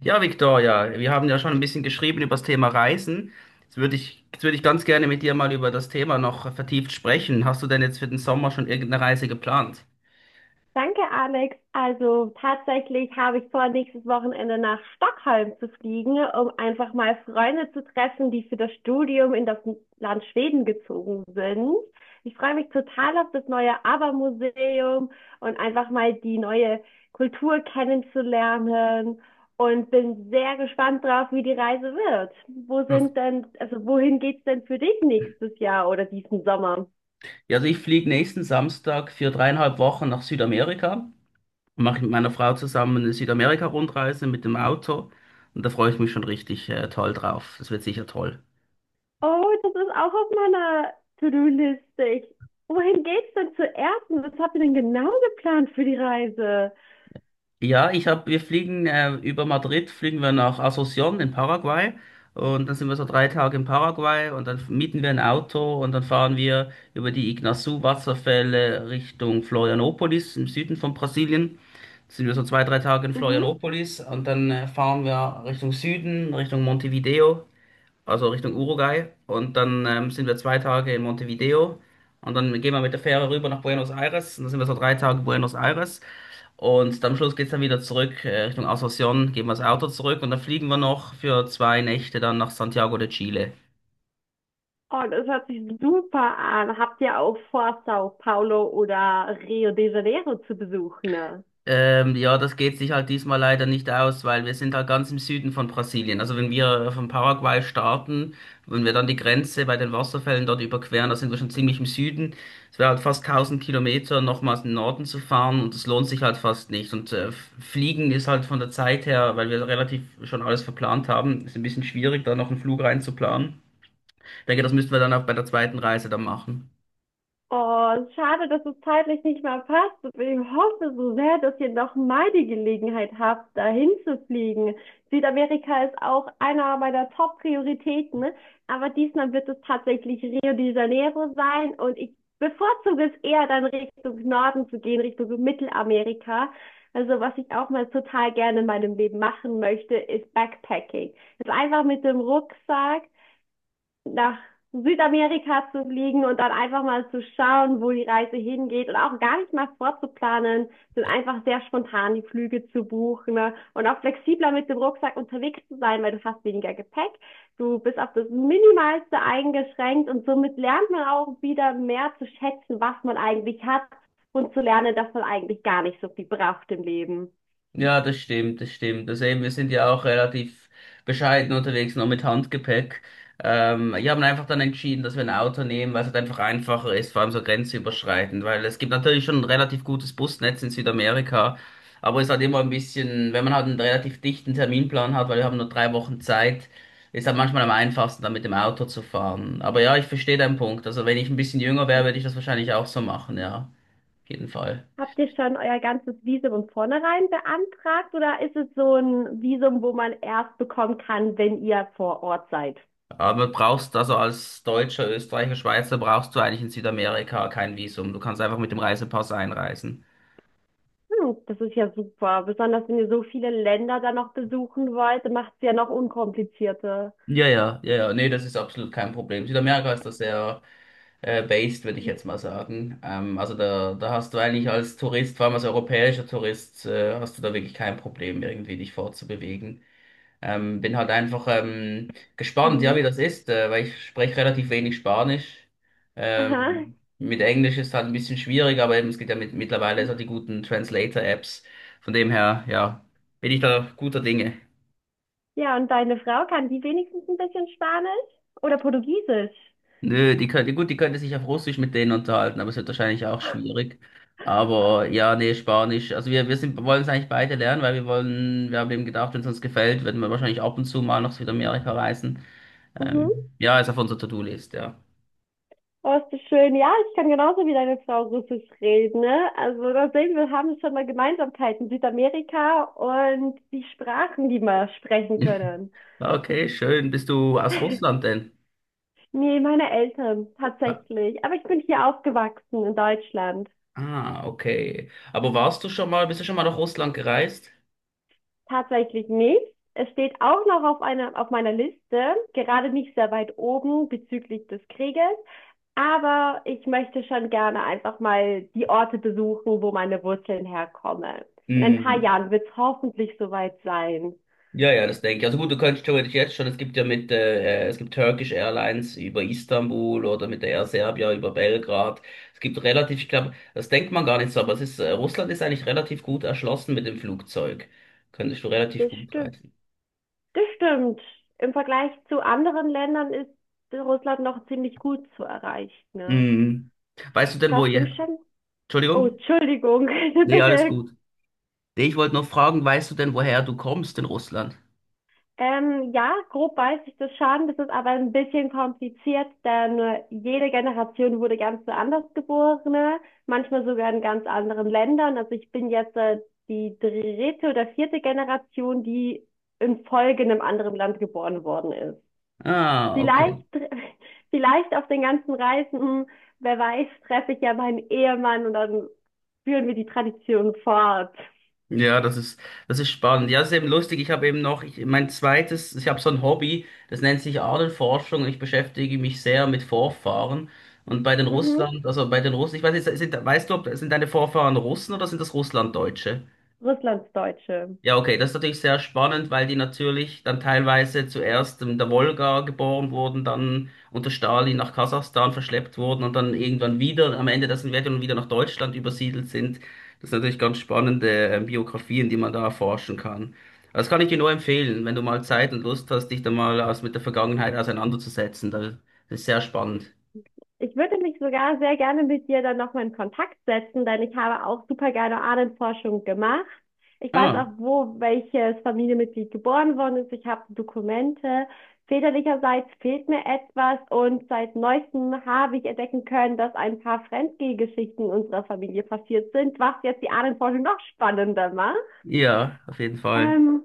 Ja, Victoria, wir haben ja schon ein bisschen geschrieben über das Thema Reisen. Jetzt würde ich ganz gerne mit dir mal über das Thema noch vertieft sprechen. Hast du denn jetzt für den Sommer schon irgendeine Reise geplant? Danke, Alex. Also tatsächlich habe ich vor, nächstes Wochenende nach Stockholm zu fliegen, um einfach mal Freunde zu treffen, die für das Studium in das Land Schweden gezogen sind. Ich freue mich total auf das neue ABBA-Museum und einfach mal die neue Kultur kennenzulernen und bin sehr gespannt drauf, wie die Reise wird. Wo Ja. sind denn, also wohin geht's denn für dich nächstes Jahr oder diesen Sommer? Ja, also ich fliege nächsten Samstag für 3,5 Wochen nach Südamerika und mache mit meiner Frau zusammen eine Südamerika-Rundreise mit dem Auto. Und da freue ich mich schon richtig toll drauf. Das wird sicher toll. Oh, das ist auch auf meiner To-Do-Liste. Wohin geht's denn zuerst? Und was habt ihr denn genau geplant für die Reise? Ja, wir fliegen über Madrid, fliegen wir nach Asunción in Paraguay und dann sind wir so 3 Tage in Paraguay und dann mieten wir ein Auto und dann fahren wir über die Iguazú-Wasserfälle Richtung Florianópolis im Süden von Brasilien. Sind wir so zwei, drei Tage in Mhm. Florianópolis und dann fahren wir Richtung Süden, Richtung Montevideo, also Richtung Uruguay und dann sind wir 2 Tage in Montevideo und dann gehen wir mit der Fähre rüber nach Buenos Aires und dann sind wir so drei Tage in Buenos Aires. Und am Schluss geht's dann wieder zurück Richtung Asunción, geben wir das Auto zurück und dann fliegen wir noch für 2 Nächte dann nach Santiago de Chile. Oh, das hört sich super an. Habt ihr auch vor, Sao Paulo oder Rio de Janeiro zu besuchen, ne? Ja, das geht sich halt diesmal leider nicht aus, weil wir sind halt ganz im Süden von Brasilien. Also wenn wir von Paraguay starten, wenn wir dann die Grenze bei den Wasserfällen dort überqueren, da sind wir schon ziemlich im Süden. Es wäre halt fast 1000 Kilometer nochmals in den Norden zu fahren und das lohnt sich halt fast nicht. Und fliegen ist halt von der Zeit her, weil wir relativ schon alles verplant haben, ist ein bisschen schwierig, da noch einen Flug reinzuplanen. Ich denke, das müssten wir dann auch bei der zweiten Reise dann machen. Oh, schade, dass es zeitlich nicht mehr passt. Ich hoffe so sehr, dass ihr noch mal die Gelegenheit habt, dahin zu fliegen. Südamerika ist auch einer meiner Top-Prioritäten, ne, aber diesmal wird es tatsächlich Rio de Janeiro sein und ich bevorzuge es eher dann Richtung Norden zu gehen, Richtung Mittelamerika. Also was ich auch mal total gerne in meinem Leben machen möchte, ist Backpacking. Also einfach mit dem Rucksack nach Südamerika zu fliegen und dann einfach mal zu schauen, wo die Reise hingeht und auch gar nicht mal vorzuplanen, sondern einfach sehr spontan die Flüge zu buchen, ne? Und auch flexibler mit dem Rucksack unterwegs zu sein, weil du hast weniger Gepäck, du bist auf das Minimalste eingeschränkt und somit lernt man auch wieder mehr zu schätzen, was man eigentlich hat und zu lernen, dass man eigentlich gar nicht so viel braucht im Leben. Ja, das stimmt, das stimmt. Also eben, wir sind ja auch relativ bescheiden unterwegs, nur mit Handgepäck. Wir haben einfach dann entschieden, dass wir ein Auto nehmen, weil es halt einfach einfacher ist, vor allem so grenzüberschreitend, weil es gibt natürlich schon ein relativ gutes Busnetz in Südamerika, aber es ist halt immer ein bisschen, wenn man halt einen relativ dichten Terminplan hat, weil wir haben nur 3 Wochen Zeit, ist halt manchmal am einfachsten, dann mit dem Auto zu fahren. Aber ja, ich verstehe deinen Punkt. Also wenn ich ein bisschen jünger wäre, würde ich das wahrscheinlich auch so machen, ja, auf jeden Fall. Habt ihr schon euer ganzes Visum von vornherein beantragt oder ist es so ein Visum, wo man erst bekommen kann, wenn ihr vor Ort seid? Aber brauchst also als Deutscher, Österreicher, Schweizer brauchst du eigentlich in Südamerika kein Visum. Du kannst einfach mit dem Reisepass einreisen. Hm, das ist ja super. Besonders wenn ihr so viele Länder dann noch besuchen wollt, macht es ja noch unkomplizierter. Ja, ja, ja, ja, nee, das ist absolut kein Problem. Südamerika ist da sehr based, würde ich jetzt mal sagen. Also da hast du eigentlich als Tourist, vor allem als europäischer Tourist, hast du da wirklich kein Problem, irgendwie dich fortzubewegen. Bin halt einfach gespannt, ja, wie Mhm. das ist, weil ich spreche relativ wenig Spanisch. Aha. Mit Englisch ist halt ein bisschen schwierig, aber eben, es gibt ja mittlerweile so die guten Translator-Apps. Von dem her, ja, bin ich da guter Dinge. Ja, und deine Frau kann die wenigstens ein bisschen Spanisch oder Portugiesisch? Nö, gut, die könnte sich auf Russisch mit denen unterhalten, aber es wird wahrscheinlich auch schwierig. Aber ja, nee, Spanisch. Also wir wollen es eigentlich beide lernen, weil wir haben eben gedacht, wenn es uns gefällt, werden wir wahrscheinlich ab und zu mal nach Südamerika reisen. Ähm, Mhm. ja, ist auf unserer To-Do-List, ja. Oh, ist das schön. Ja, ich kann genauso wie deine Frau Russisch reden, ne? Also da sehen wir, haben schon mal Gemeinsamkeiten. Südamerika und die Sprachen, die wir sprechen können. Okay, schön. Bist du aus Russland denn? Nee, meine Eltern, Ah, tatsächlich. Aber ich bin hier aufgewachsen in Deutschland. ah, okay. Aber warst du schon mal, bist du schon mal nach Russland gereist? Tatsächlich nicht. Es steht auch noch auf meiner Liste, gerade nicht sehr weit oben bezüglich des Krieges. Aber ich möchte schon gerne einfach mal die Orte besuchen, wo meine Wurzeln herkommen. In ein paar Hm. Jahren wird es hoffentlich soweit sein. Ja, ja, das denke ich. Also gut, du könntest theoretisch jetzt schon, es gibt ja es gibt Turkish Airlines über Istanbul oder mit der Air Serbia über Belgrad. Es gibt relativ, ich glaube, das denkt man gar nicht so, aber Russland ist eigentlich relativ gut erschlossen mit dem Flugzeug. Könntest du relativ Das gut stimmt. reisen. Das stimmt. Im Vergleich zu anderen Ländern ist Russland noch ziemlich gut zu erreichen, ne? Hm. Weißt du denn, wo Warst du ihr, schon? Oh, Entschuldigung? Entschuldigung, Nee, alles bitte. gut. Nee, ich wollte noch fragen, weißt du denn, woher du kommst in Russland? Ja, grob weiß ich das schon. Das ist aber ein bisschen kompliziert, denn jede Generation wurde ganz anders geboren, manchmal sogar in ganz anderen Ländern. Also ich bin jetzt die dritte oder vierte Generation, die in Folge in einem anderen Land geboren worden ist. Ah, Vielleicht, okay. vielleicht auf den ganzen Reisen, wer weiß, treffe ich ja meinen Ehemann und dann führen wir die Tradition fort. Ja, das ist spannend. Ja, das ist eben lustig. Ich habe eben noch, ich, mein zweites, ich habe so ein Hobby, das nennt sich Ahnenforschung und ich beschäftige mich sehr mit Vorfahren. Und Mhm. Bei den Russen, ich weiß nicht, weißt du, ob, sind deine Vorfahren Russen oder sind das Russlanddeutsche? Russlandsdeutsche. Ja, okay, das ist natürlich sehr spannend, weil die natürlich dann teilweise zuerst in der Wolga geboren wurden, dann unter Stalin nach Kasachstan verschleppt wurden und dann irgendwann wieder am Ende der Sowjetunion wieder nach Deutschland übersiedelt sind. Das sind natürlich ganz spannende Biografien, die man da erforschen kann. Das kann ich dir nur empfehlen, wenn du mal Zeit und Lust hast, dich da mal mit der Vergangenheit auseinanderzusetzen. Das ist sehr spannend. Ich würde mich sogar sehr gerne mit dir dann nochmal in Kontakt setzen, denn ich habe auch super gerne Ahnenforschung gemacht. Ich weiß Ah, auch, wo welches Familienmitglied geboren worden ist. Ich habe Dokumente. Väterlicherseits fehlt mir etwas und seit neuestem habe ich entdecken können, dass ein paar Fremdgehgeschichten unserer Familie passiert sind, was jetzt die Ahnenforschung noch spannender macht. ja, auf jeden Fall. Ähm,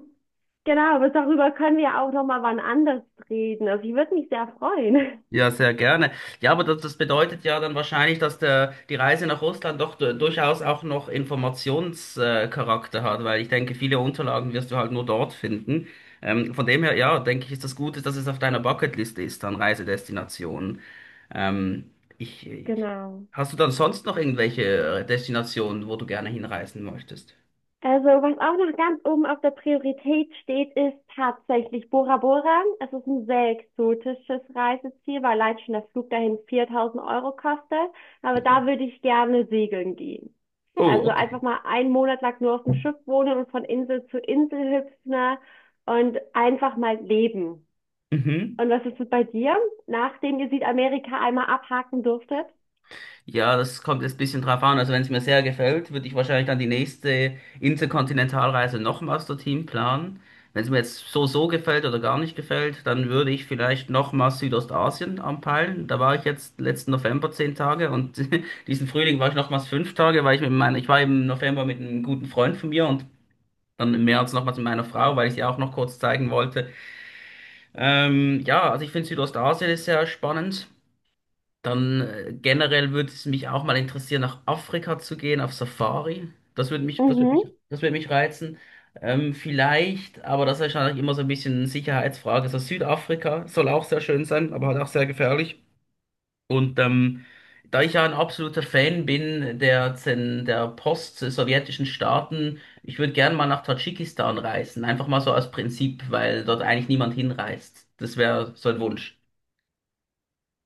genau, aber darüber können wir auch nochmal wann anders reden. Also ich würde mich sehr freuen. Ja, sehr gerne. Ja, aber das bedeutet ja dann wahrscheinlich, dass die Reise nach Russland doch durchaus auch noch Informationscharakter hat, weil ich denke, viele Unterlagen wirst du halt nur dort finden. Von dem her, ja, denke ich, ist das Gute, dass es auf deiner Bucketliste ist an Reisedestinationen. Ähm, ich, ich- Genau. hast du dann sonst noch irgendwelche Destinationen, wo du gerne hinreisen möchtest? Also, was auch noch ganz oben auf der Priorität steht, ist tatsächlich Bora Bora. Es ist ein sehr exotisches Reiseziel, weil allein schon der Flug dahin 4000 € kostet. Aber da würde ich gerne segeln gehen. Oh, Also okay. einfach mal einen Monat lang nur auf dem Schiff wohnen und von Insel zu Insel hüpfen und einfach mal leben. Mhm. Und was ist es bei dir, nachdem ihr Südamerika einmal abhaken durftet? Ja, das kommt jetzt ein bisschen drauf an. Also wenn es mir sehr gefällt, würde ich wahrscheinlich dann die nächste Interkontinentalreise nochmals dorthin planen. Wenn es mir jetzt so gefällt oder gar nicht gefällt, dann würde ich vielleicht nochmals Südostasien anpeilen. Da war ich jetzt letzten November 10 Tage und diesen Frühling war ich nochmals 5 Tage, weil ich ich war im November mit einem guten Freund von mir und dann im März nochmals mit meiner Frau, weil ich sie auch noch kurz zeigen wollte. Ja, also ich finde Südostasien ist sehr spannend. Dann generell würde es mich auch mal interessieren, nach Afrika zu gehen, auf Safari. Das würde mich, das würde mich, Mhm. das würde mich reizen. Vielleicht, aber das ist wahrscheinlich immer so ein bisschen eine Sicherheitsfrage. So Südafrika soll auch sehr schön sein, aber halt auch sehr gefährlich. Und da ich ja ein absoluter Fan bin der post-sowjetischen Staaten, ich würde gerne mal nach Tadschikistan reisen. Einfach mal so als Prinzip, weil dort eigentlich niemand hinreist. Das wäre so ein Wunsch.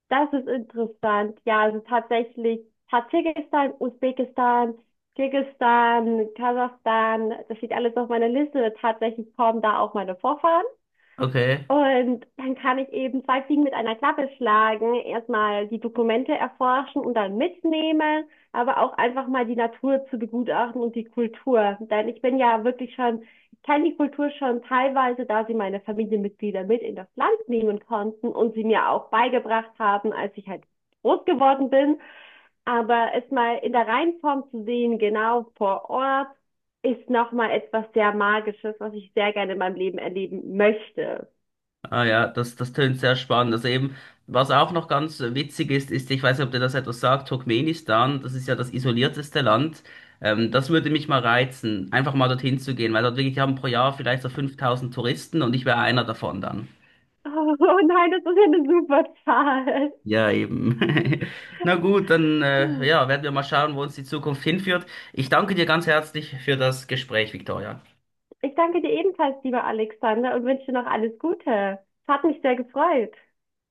Das ist interessant. Ja, also tatsächlich Tadschikistan, Usbekistan, Kirgisistan, Kasachstan, das steht alles auf meiner Liste. Tatsächlich kommen da auch meine Vorfahren. Okay. Und dann kann ich eben zwei Fliegen mit einer Klappe schlagen, erstmal die Dokumente erforschen und dann mitnehmen, aber auch einfach mal die Natur zu begutachten und die Kultur. Denn ich bin ja wirklich schon, ich kenne die Kultur schon teilweise, da sie meine Familienmitglieder mit in das Land nehmen konnten und sie mir auch beigebracht haben, als ich halt groß geworden bin. Aber es mal in der Reinform zu sehen, genau vor Ort, ist nochmal etwas sehr Magisches, was ich sehr gerne in meinem Leben erleben möchte. Ah ja, das tönt sehr spannend. Also eben, was auch noch ganz witzig ist, ist, ich weiß nicht, ob dir das etwas sagt, Turkmenistan, das ist ja das isolierteste Land. Das würde mich mal reizen, einfach mal dorthin zu gehen, weil dort wirklich haben pro Jahr vielleicht so 5000 Touristen und ich wäre einer davon dann. Oh, oh nein, das ist ja eine super Zahl. Ja, eben. Na gut, dann Hm. ja, werden wir mal schauen, wo uns die Zukunft hinführt. Ich danke dir ganz herzlich für das Gespräch, Victoria. Ich danke dir ebenfalls, lieber Alexander, und wünsche dir noch alles Gute. Es hat mich sehr gefreut.